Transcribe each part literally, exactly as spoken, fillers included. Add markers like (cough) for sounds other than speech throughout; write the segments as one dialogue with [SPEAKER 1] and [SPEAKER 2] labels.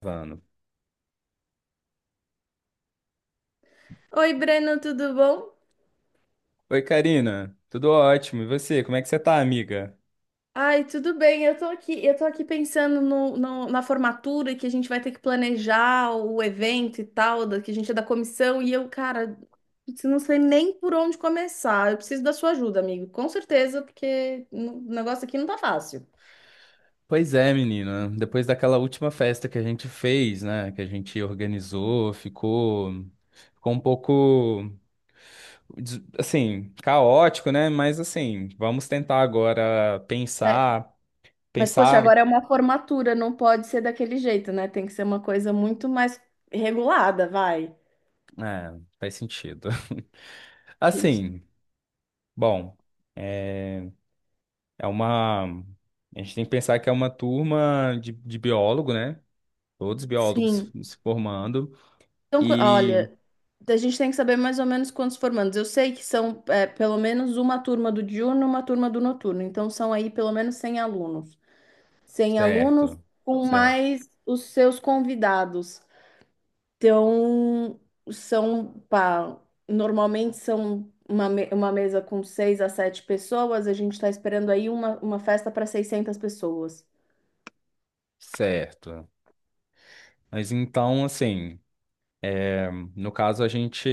[SPEAKER 1] Gravando.
[SPEAKER 2] Oi, Breno, tudo bom?
[SPEAKER 1] Oi, Karina. Tudo ótimo. E você? Como é que você tá, amiga?
[SPEAKER 2] Ai, tudo bem. Eu tô aqui, eu tô aqui pensando no, no- na formatura que a gente vai ter que planejar o evento e tal, da- que a gente é da comissão, e eu, cara, putz, eu não sei nem por onde começar. Eu preciso da sua ajuda, amigo, com certeza, porque o negócio aqui não tá fácil.
[SPEAKER 1] Pois é, menina. Depois daquela última festa que a gente fez, né? Que a gente organizou, ficou, ficou um pouco, des- assim, caótico, né? Mas, assim, vamos tentar agora
[SPEAKER 2] É.
[SPEAKER 1] pensar,
[SPEAKER 2] Mas, poxa,
[SPEAKER 1] pensar.
[SPEAKER 2] agora é uma formatura, não pode ser daquele jeito, né? Tem que ser uma coisa muito mais regulada, vai.
[SPEAKER 1] É, faz sentido. (laughs)
[SPEAKER 2] Gente.
[SPEAKER 1] Assim, bom, é, é uma. A gente tem que pensar que é uma turma de, de biólogo, né? Todos biólogos
[SPEAKER 2] Sim.
[SPEAKER 1] se formando.
[SPEAKER 2] Então, qu-
[SPEAKER 1] E
[SPEAKER 2] olha, a gente tem que saber mais ou menos quantos formandos. Eu sei que são é, pelo menos uma turma do diurno, uma turma do noturno. Então, são aí pelo menos cem alunos. Cem alunos
[SPEAKER 1] certo,
[SPEAKER 2] com
[SPEAKER 1] certo,
[SPEAKER 2] mais os seus convidados. Então, são, pá, normalmente são uma, me- uma mesa com seis a sete pessoas. A gente está esperando aí uma, uma festa para seiscentas pessoas.
[SPEAKER 1] certo. Mas então, assim, no caso a gente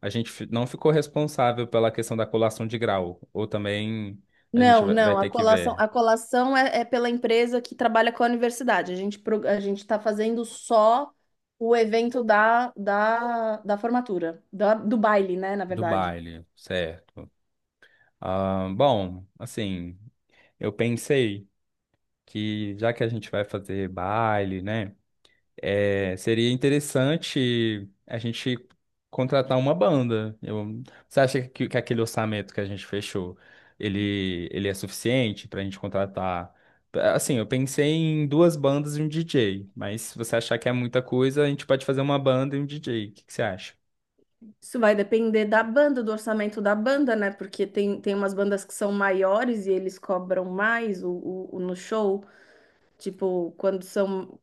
[SPEAKER 1] a gente fi- não ficou responsável pela questão da colação de grau, ou também a gente
[SPEAKER 2] Não,
[SPEAKER 1] vai vai
[SPEAKER 2] não, a
[SPEAKER 1] ter que
[SPEAKER 2] colação,
[SPEAKER 1] ver
[SPEAKER 2] a colação é, é pela empresa que trabalha com a universidade. A gente, pro- a gente está fazendo só o evento da, da, da formatura, da- do baile, né, na
[SPEAKER 1] do
[SPEAKER 2] verdade.
[SPEAKER 1] baile, certo? Ah, bom, assim, eu pensei que já que a gente vai fazer baile, né? É, seria interessante a gente contratar uma banda. Eu- você acha que, que aquele orçamento que a gente fechou, ele, ele é suficiente para a gente contratar? Assim, eu pensei em duas bandas e um D J, mas se você achar que é muita coisa, a gente pode fazer uma banda e um D J. O que, que você acha?
[SPEAKER 2] Isso vai depender da banda, do orçamento da banda, né? Porque tem, tem umas bandas que são maiores e eles cobram mais o, o, o- no show. Tipo, quando são...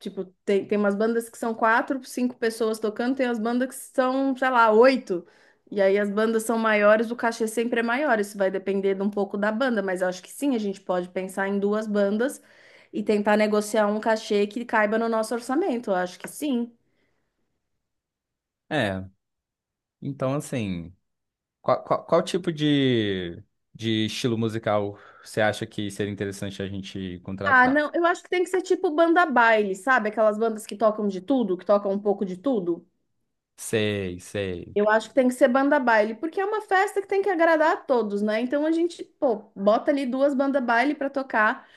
[SPEAKER 2] Tipo, tem, tem umas bandas que são quatro, cinco pessoas tocando, tem as bandas que são, sei lá, oito. E aí as bandas são maiores, o cachê sempre é maior. Isso vai depender de um pouco da banda, mas eu acho que sim, a gente pode pensar em duas bandas e tentar negociar um cachê que caiba no nosso orçamento. Eu acho que sim.
[SPEAKER 1] É, então assim, qual, qual, qual tipo de, de estilo musical você acha que seria interessante a gente
[SPEAKER 2] Ah,
[SPEAKER 1] contratar?
[SPEAKER 2] não, eu acho que tem que ser tipo banda baile, sabe? Aquelas bandas que tocam de tudo, que tocam um pouco de tudo.
[SPEAKER 1] Sei, sei.
[SPEAKER 2] Eu acho que tem que ser banda baile, porque é uma festa que tem que agradar a todos, né? Então a gente, pô, bota ali duas bandas baile pra tocar.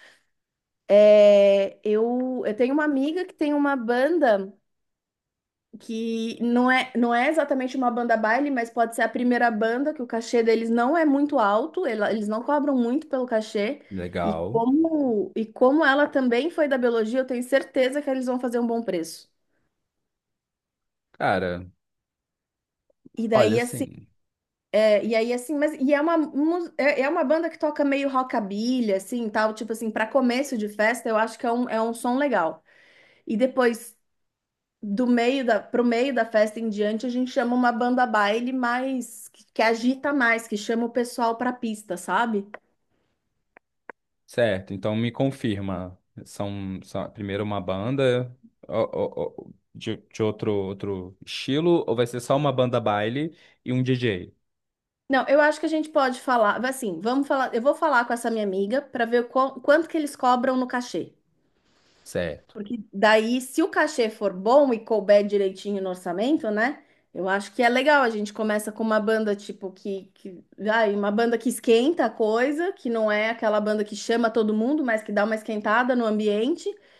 [SPEAKER 2] É, eu, eu tenho uma amiga que tem uma banda que não é, não é exatamente uma banda baile, mas pode ser a primeira banda, que o cachê deles não é muito alto, ela- eles não cobram muito pelo cachê. E
[SPEAKER 1] Legal.
[SPEAKER 2] como, e como ela também foi da biologia, eu tenho certeza que eles vão fazer um bom preço.
[SPEAKER 1] Cara.
[SPEAKER 2] E
[SPEAKER 1] Olha,
[SPEAKER 2] daí, assim,
[SPEAKER 1] sim.
[SPEAKER 2] é, e aí, assim, mas e é uma, mu- é, é uma banda que toca meio rockabilly, assim, tal, tipo assim, para começo de festa, eu acho que é um, é um som legal. E depois, do meio da, pro meio da festa em diante, a gente chama uma banda baile mais que, que agita mais, que chama o pessoal pra pista, sabe?
[SPEAKER 1] Certo. Então me confirma. São, são primeiro uma banda ó, ó, ó, de, de outro, outro estilo, ou vai ser só uma banda baile e um D J?
[SPEAKER 2] Não, eu acho que a gente pode falar, assim, vamos falar, eu vou falar com essa minha amiga pra ver qual- quanto que eles cobram no cachê.
[SPEAKER 1] Certo.
[SPEAKER 2] Porque daí, se o cachê for bom e couber direitinho no orçamento, né? Eu acho que é legal. A gente começa com uma banda tipo que, que ai, uma banda que esquenta a coisa, que não é aquela banda que chama todo mundo, mas que dá uma esquentada no ambiente. A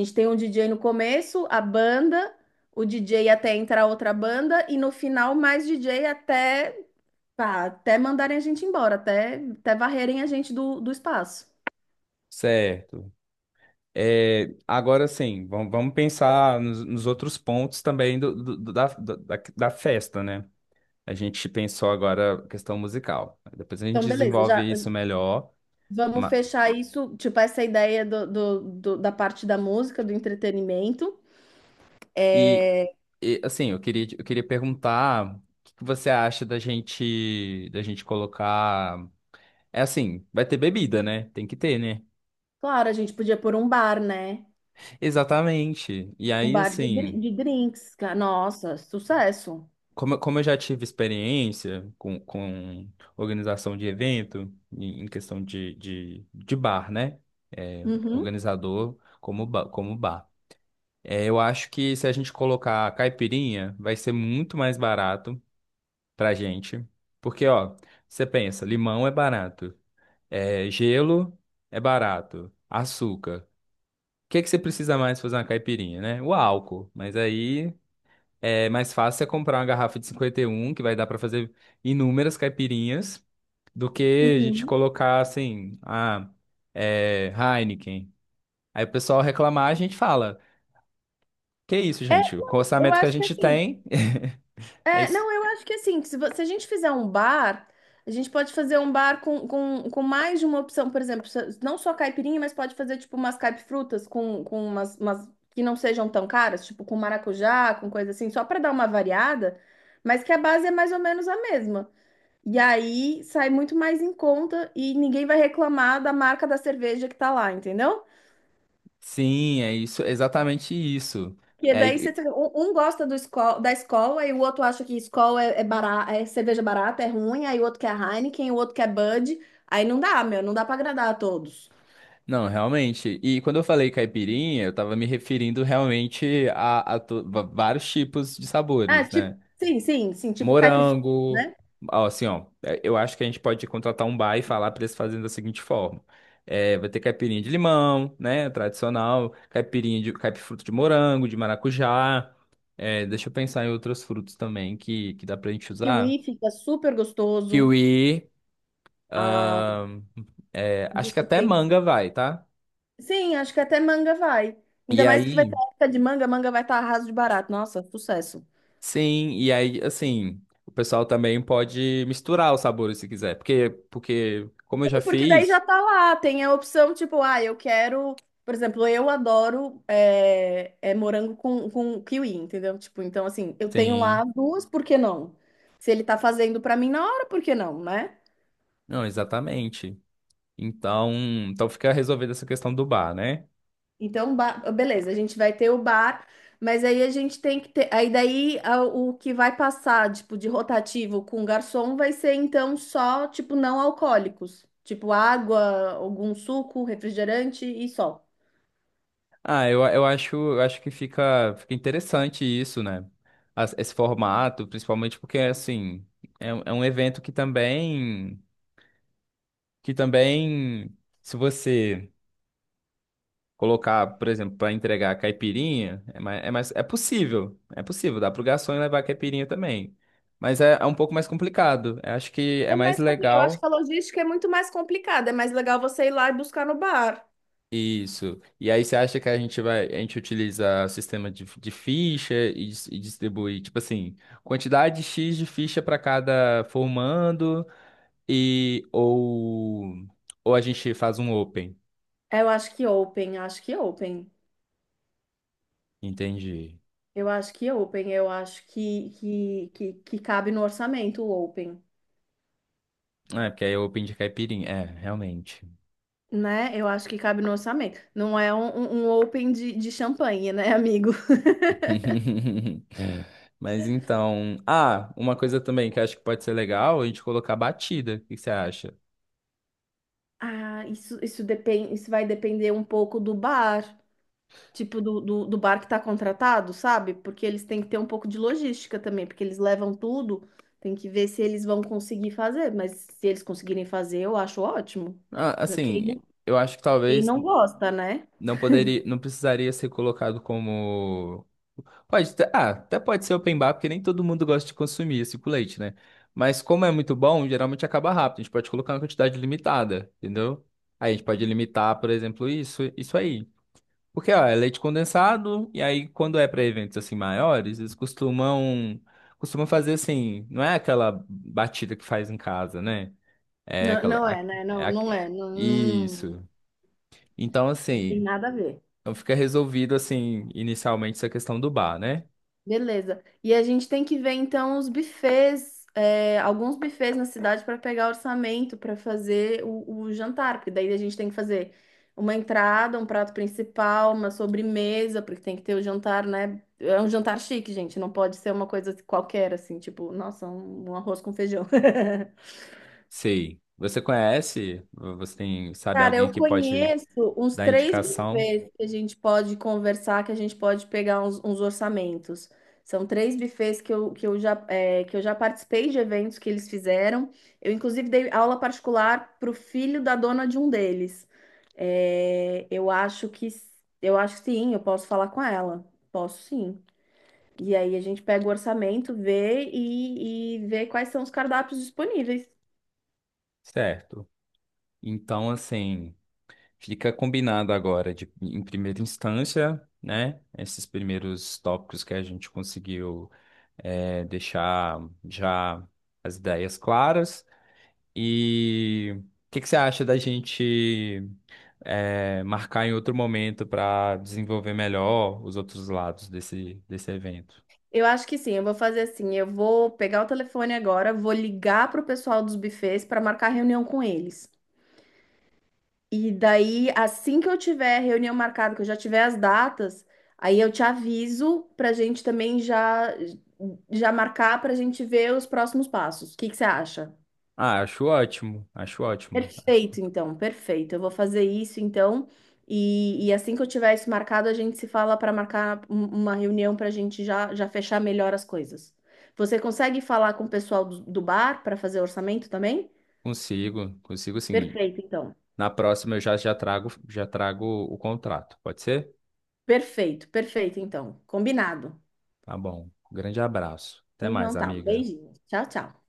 [SPEAKER 2] gente tem um D J no começo, a banda, o D J até entrar outra banda, e no final mais D J até, pá, até mandarem a gente embora, até, até varrerem a gente do, do espaço.
[SPEAKER 1] Certo. É, agora sim, vamos, vamos pensar nos, nos outros pontos também do, do- do- da, da, da da festa, né? A gente pensou agora a questão musical. Depois a gente
[SPEAKER 2] Então, beleza,
[SPEAKER 1] desenvolve
[SPEAKER 2] já
[SPEAKER 1] isso melhor.
[SPEAKER 2] vamos
[SPEAKER 1] ma-
[SPEAKER 2] fechar isso, tipo, essa ideia do, do- do- da parte da música, do entretenimento.
[SPEAKER 1] E
[SPEAKER 2] É,
[SPEAKER 1] E, assim, eu queria, eu queria perguntar o que que você acha da gente, da gente colocar. É assim, vai ter bebida, né? Tem que ter, né?
[SPEAKER 2] claro, a gente podia pôr um bar, né?
[SPEAKER 1] Exatamente. E
[SPEAKER 2] Um
[SPEAKER 1] aí,
[SPEAKER 2] bar de, dri-
[SPEAKER 1] assim,
[SPEAKER 2] de drinks, cara. Nossa, sucesso.
[SPEAKER 1] como, eu- como eu já tive experiência com, com organização de evento, em, em questão de, de, de bar, né? É,
[SPEAKER 2] Uhum,
[SPEAKER 1] organizador como, ba- como bar. É, eu acho que se a gente colocar caipirinha, vai ser muito mais barato pra gente. Porque, ó, você pensa, limão é barato. É, gelo é barato. Açúcar. O que é que você precisa mais pra fazer uma caipirinha, né? O álcool. Mas aí é mais fácil é comprar uma garrafa de cinquenta e um que vai dar pra fazer inúmeras caipirinhas, do que a gente
[SPEAKER 2] uhum.
[SPEAKER 1] colocar assim, ah, é, Heineken. Aí o pessoal reclamar, a gente fala: Que isso,
[SPEAKER 2] É,
[SPEAKER 1] gente? Com o
[SPEAKER 2] não, eu
[SPEAKER 1] orçamento que a
[SPEAKER 2] acho que
[SPEAKER 1] gente
[SPEAKER 2] assim,
[SPEAKER 1] tem. (laughs) É
[SPEAKER 2] É,
[SPEAKER 1] isso.
[SPEAKER 2] não, eu acho que assim, se, vo- se a gente fizer um bar, a gente pode fazer um bar com, com, com mais de uma opção, por exemplo, se- não só caipirinha, mas pode fazer tipo umas caipifrutas com, com umas, umas que não sejam tão caras, tipo com maracujá, com coisa assim, só para dar uma variada, mas que a base é mais ou menos a mesma. E aí sai muito mais em conta e ninguém vai reclamar da marca da cerveja que tá lá, entendeu?
[SPEAKER 1] Sim, é isso, exatamente isso.
[SPEAKER 2] Porque
[SPEAKER 1] É,
[SPEAKER 2] daí você tem- um, um gosta do esco- da escola e o outro acha que escola é, é, bara- é cerveja barata, é ruim, aí o outro quer Heineken, o outro quer Bud. Aí não dá, meu, não dá pra agradar a todos.
[SPEAKER 1] não, realmente. E quando eu falei caipirinha, eu tava me referindo realmente a, a to- va- vários tipos de
[SPEAKER 2] Ah,
[SPEAKER 1] sabores,
[SPEAKER 2] tipo,
[SPEAKER 1] né?
[SPEAKER 2] sim, sim, sim, tipo caipifruta,
[SPEAKER 1] Morango,
[SPEAKER 2] né?
[SPEAKER 1] ó, assim, ó, é, eu acho que a gente pode contratar um bar e falar pra eles fazerem da seguinte forma. É, vai ter caipirinha de limão, né? Tradicional, caipirinha de caipifruto de morango, de maracujá. É, deixa eu pensar em outros frutos também que, que dá pra gente usar.
[SPEAKER 2] Kiwi fica super gostoso.
[SPEAKER 1] Kiwi,
[SPEAKER 2] Ah,
[SPEAKER 1] ahn, é, acho que
[SPEAKER 2] deixa eu
[SPEAKER 1] até
[SPEAKER 2] pensar.
[SPEAKER 1] manga vai, tá?
[SPEAKER 2] Sim, acho que até manga vai.
[SPEAKER 1] E
[SPEAKER 2] Ainda mais que vai ter
[SPEAKER 1] aí.
[SPEAKER 2] época de manga, manga vai estar arraso de barato. Nossa, sucesso.
[SPEAKER 1] Sim, e aí, assim, o pessoal também pode misturar os sabores se quiser. Porque, porque como eu já
[SPEAKER 2] Porque daí já
[SPEAKER 1] fiz,
[SPEAKER 2] tá lá, tem a opção tipo, ah, eu quero. Por exemplo, eu adoro é, é morango com, com kiwi, entendeu? Tipo, então assim, eu tenho lá
[SPEAKER 1] sim,
[SPEAKER 2] as duas, por que não? Se ele tá fazendo pra mim na hora, por que não, né?
[SPEAKER 1] não, exatamente. Então, então fica resolvida essa questão do bar, né?
[SPEAKER 2] Então, ba- beleza, a gente vai ter o bar, mas aí a gente tem que ter. Aí daí a- o que vai passar, tipo, de rotativo com garçom vai ser então só, tipo, não alcoólicos. Tipo, água, algum suco, refrigerante e só.
[SPEAKER 1] Ah, eu, eu acho, eu acho que fica, fica interessante isso, né? As- Esse formato, principalmente porque, assim, é, um- é um evento que também, que também, se você colocar, por exemplo, para entregar caipirinha, é mais, é mais, é possível, é possível, dá pro garçom levar caipirinha também. Mas é, é um pouco mais complicado. Eu acho que é
[SPEAKER 2] É
[SPEAKER 1] mais
[SPEAKER 2] mais compli- Eu acho que
[SPEAKER 1] legal
[SPEAKER 2] a logística é muito mais complicada. É mais legal você ir lá e buscar no bar.
[SPEAKER 1] isso. E aí você acha que a gente vai, a gente utiliza sistema de, de ficha e, dis- e distribui, tipo assim, quantidade xis de ficha para cada formando e ou ou a gente faz um open,
[SPEAKER 2] É, Eu acho que open, acho que open.
[SPEAKER 1] entendi.
[SPEAKER 2] Eu acho que open, eu acho que, que, que, que cabe no orçamento o open,
[SPEAKER 1] É, porque aí é open de caipirinha, é, realmente.
[SPEAKER 2] né? Eu acho que cabe no orçamento. Não é um, um- um open de, de champanhe, né, amigo? (laughs)
[SPEAKER 1] (laughs) É. Mas então. Ah, uma coisa também que eu acho que pode ser legal, a gente colocar batida. O que que você acha?
[SPEAKER 2] Ah, isso, isso depende, isso vai depender um pouco do bar, tipo do, do, do bar que tá contratado, sabe? Porque eles têm que ter um pouco de logística também, porque eles levam tudo, tem que ver se eles vão conseguir fazer, mas se eles conseguirem fazer, eu acho ótimo.
[SPEAKER 1] Ah,
[SPEAKER 2] Quem,
[SPEAKER 1] assim,
[SPEAKER 2] não-
[SPEAKER 1] eu acho que
[SPEAKER 2] quem
[SPEAKER 1] talvez
[SPEAKER 2] não gosta, né?
[SPEAKER 1] não poderia, não precisaria ser colocado como. Pode, ter- ah, até pode ser open bar, porque nem todo mundo gosta de consumir esse com leite, né? Mas como é muito bom, geralmente acaba rápido. A gente pode colocar uma quantidade limitada, entendeu? Aí a gente pode limitar, por exemplo, isso, isso aí. Porque, ó, é leite condensado, e aí quando é para eventos assim maiores, eles costumam costumam fazer assim, não é aquela batida que faz em casa, né? É
[SPEAKER 2] Não,
[SPEAKER 1] aquela
[SPEAKER 2] não
[SPEAKER 1] a-
[SPEAKER 2] é, né?
[SPEAKER 1] é
[SPEAKER 2] Não,
[SPEAKER 1] a-
[SPEAKER 2] não é, não, não,
[SPEAKER 1] isso. Então,
[SPEAKER 2] não tem
[SPEAKER 1] assim,
[SPEAKER 2] nada a ver.
[SPEAKER 1] então fica resolvido assim inicialmente essa questão do bar, né?
[SPEAKER 2] Beleza. E a gente tem que ver então os buffets, é, alguns buffets na cidade para pegar orçamento para fazer o, o jantar, porque daí a gente tem que fazer uma entrada, um prato principal, uma sobremesa, porque tem que ter o jantar, né? É um jantar chique, gente, não pode ser uma coisa qualquer assim, tipo, nossa, um, um arroz com feijão. (laughs)
[SPEAKER 1] Sei. Você conhece? Você tem, sabe
[SPEAKER 2] Cara,
[SPEAKER 1] alguém
[SPEAKER 2] eu
[SPEAKER 1] que pode
[SPEAKER 2] conheço uns
[SPEAKER 1] dar
[SPEAKER 2] três
[SPEAKER 1] indicação?
[SPEAKER 2] bufês que a gente pode conversar, que a gente pode pegar uns, uns orçamentos. São três bufês que eu, que eu já, é, que eu já participei de eventos que eles fizeram. Eu, inclusive, dei aula particular para o filho da dona de um deles. É, eu acho que, eu acho que sim, eu posso falar com ela. Posso sim. E aí a gente pega o orçamento, vê e, e vê quais são os cardápios disponíveis.
[SPEAKER 1] Certo. Então, assim, fica combinado agora, de, em primeira instância, né? Esses primeiros tópicos que a gente conseguiu é, deixar já as ideias claras. E o que que você acha da gente é, marcar em outro momento para desenvolver melhor os outros lados desse, desse evento?
[SPEAKER 2] Eu acho que sim, eu vou fazer assim, eu vou pegar o telefone agora, vou ligar pro pessoal dos bufês para marcar reunião com eles. E daí, assim que eu tiver reunião marcada, que eu já tiver as datas, aí eu te aviso pra gente também já já marcar pra gente ver os próximos passos. O que que você acha?
[SPEAKER 1] Ah, acho ótimo, acho ótimo.
[SPEAKER 2] Perfeito, então, perfeito. Eu vou fazer isso, então, e, e assim que eu tiver isso marcado, a gente se fala para marcar um- uma reunião para a gente já, já fechar melhor as coisas. Você consegue falar com o pessoal do, do bar para fazer orçamento também?
[SPEAKER 1] Consigo, consigo sim.
[SPEAKER 2] Perfeito, então.
[SPEAKER 1] Na próxima eu já, já trago, já trago o contrato, pode ser?
[SPEAKER 2] Perfeito, perfeito, então. Combinado.
[SPEAKER 1] Tá bom. Grande abraço. Até mais,
[SPEAKER 2] Então tá, um
[SPEAKER 1] amiga.
[SPEAKER 2] beijinho. Tchau, tchau.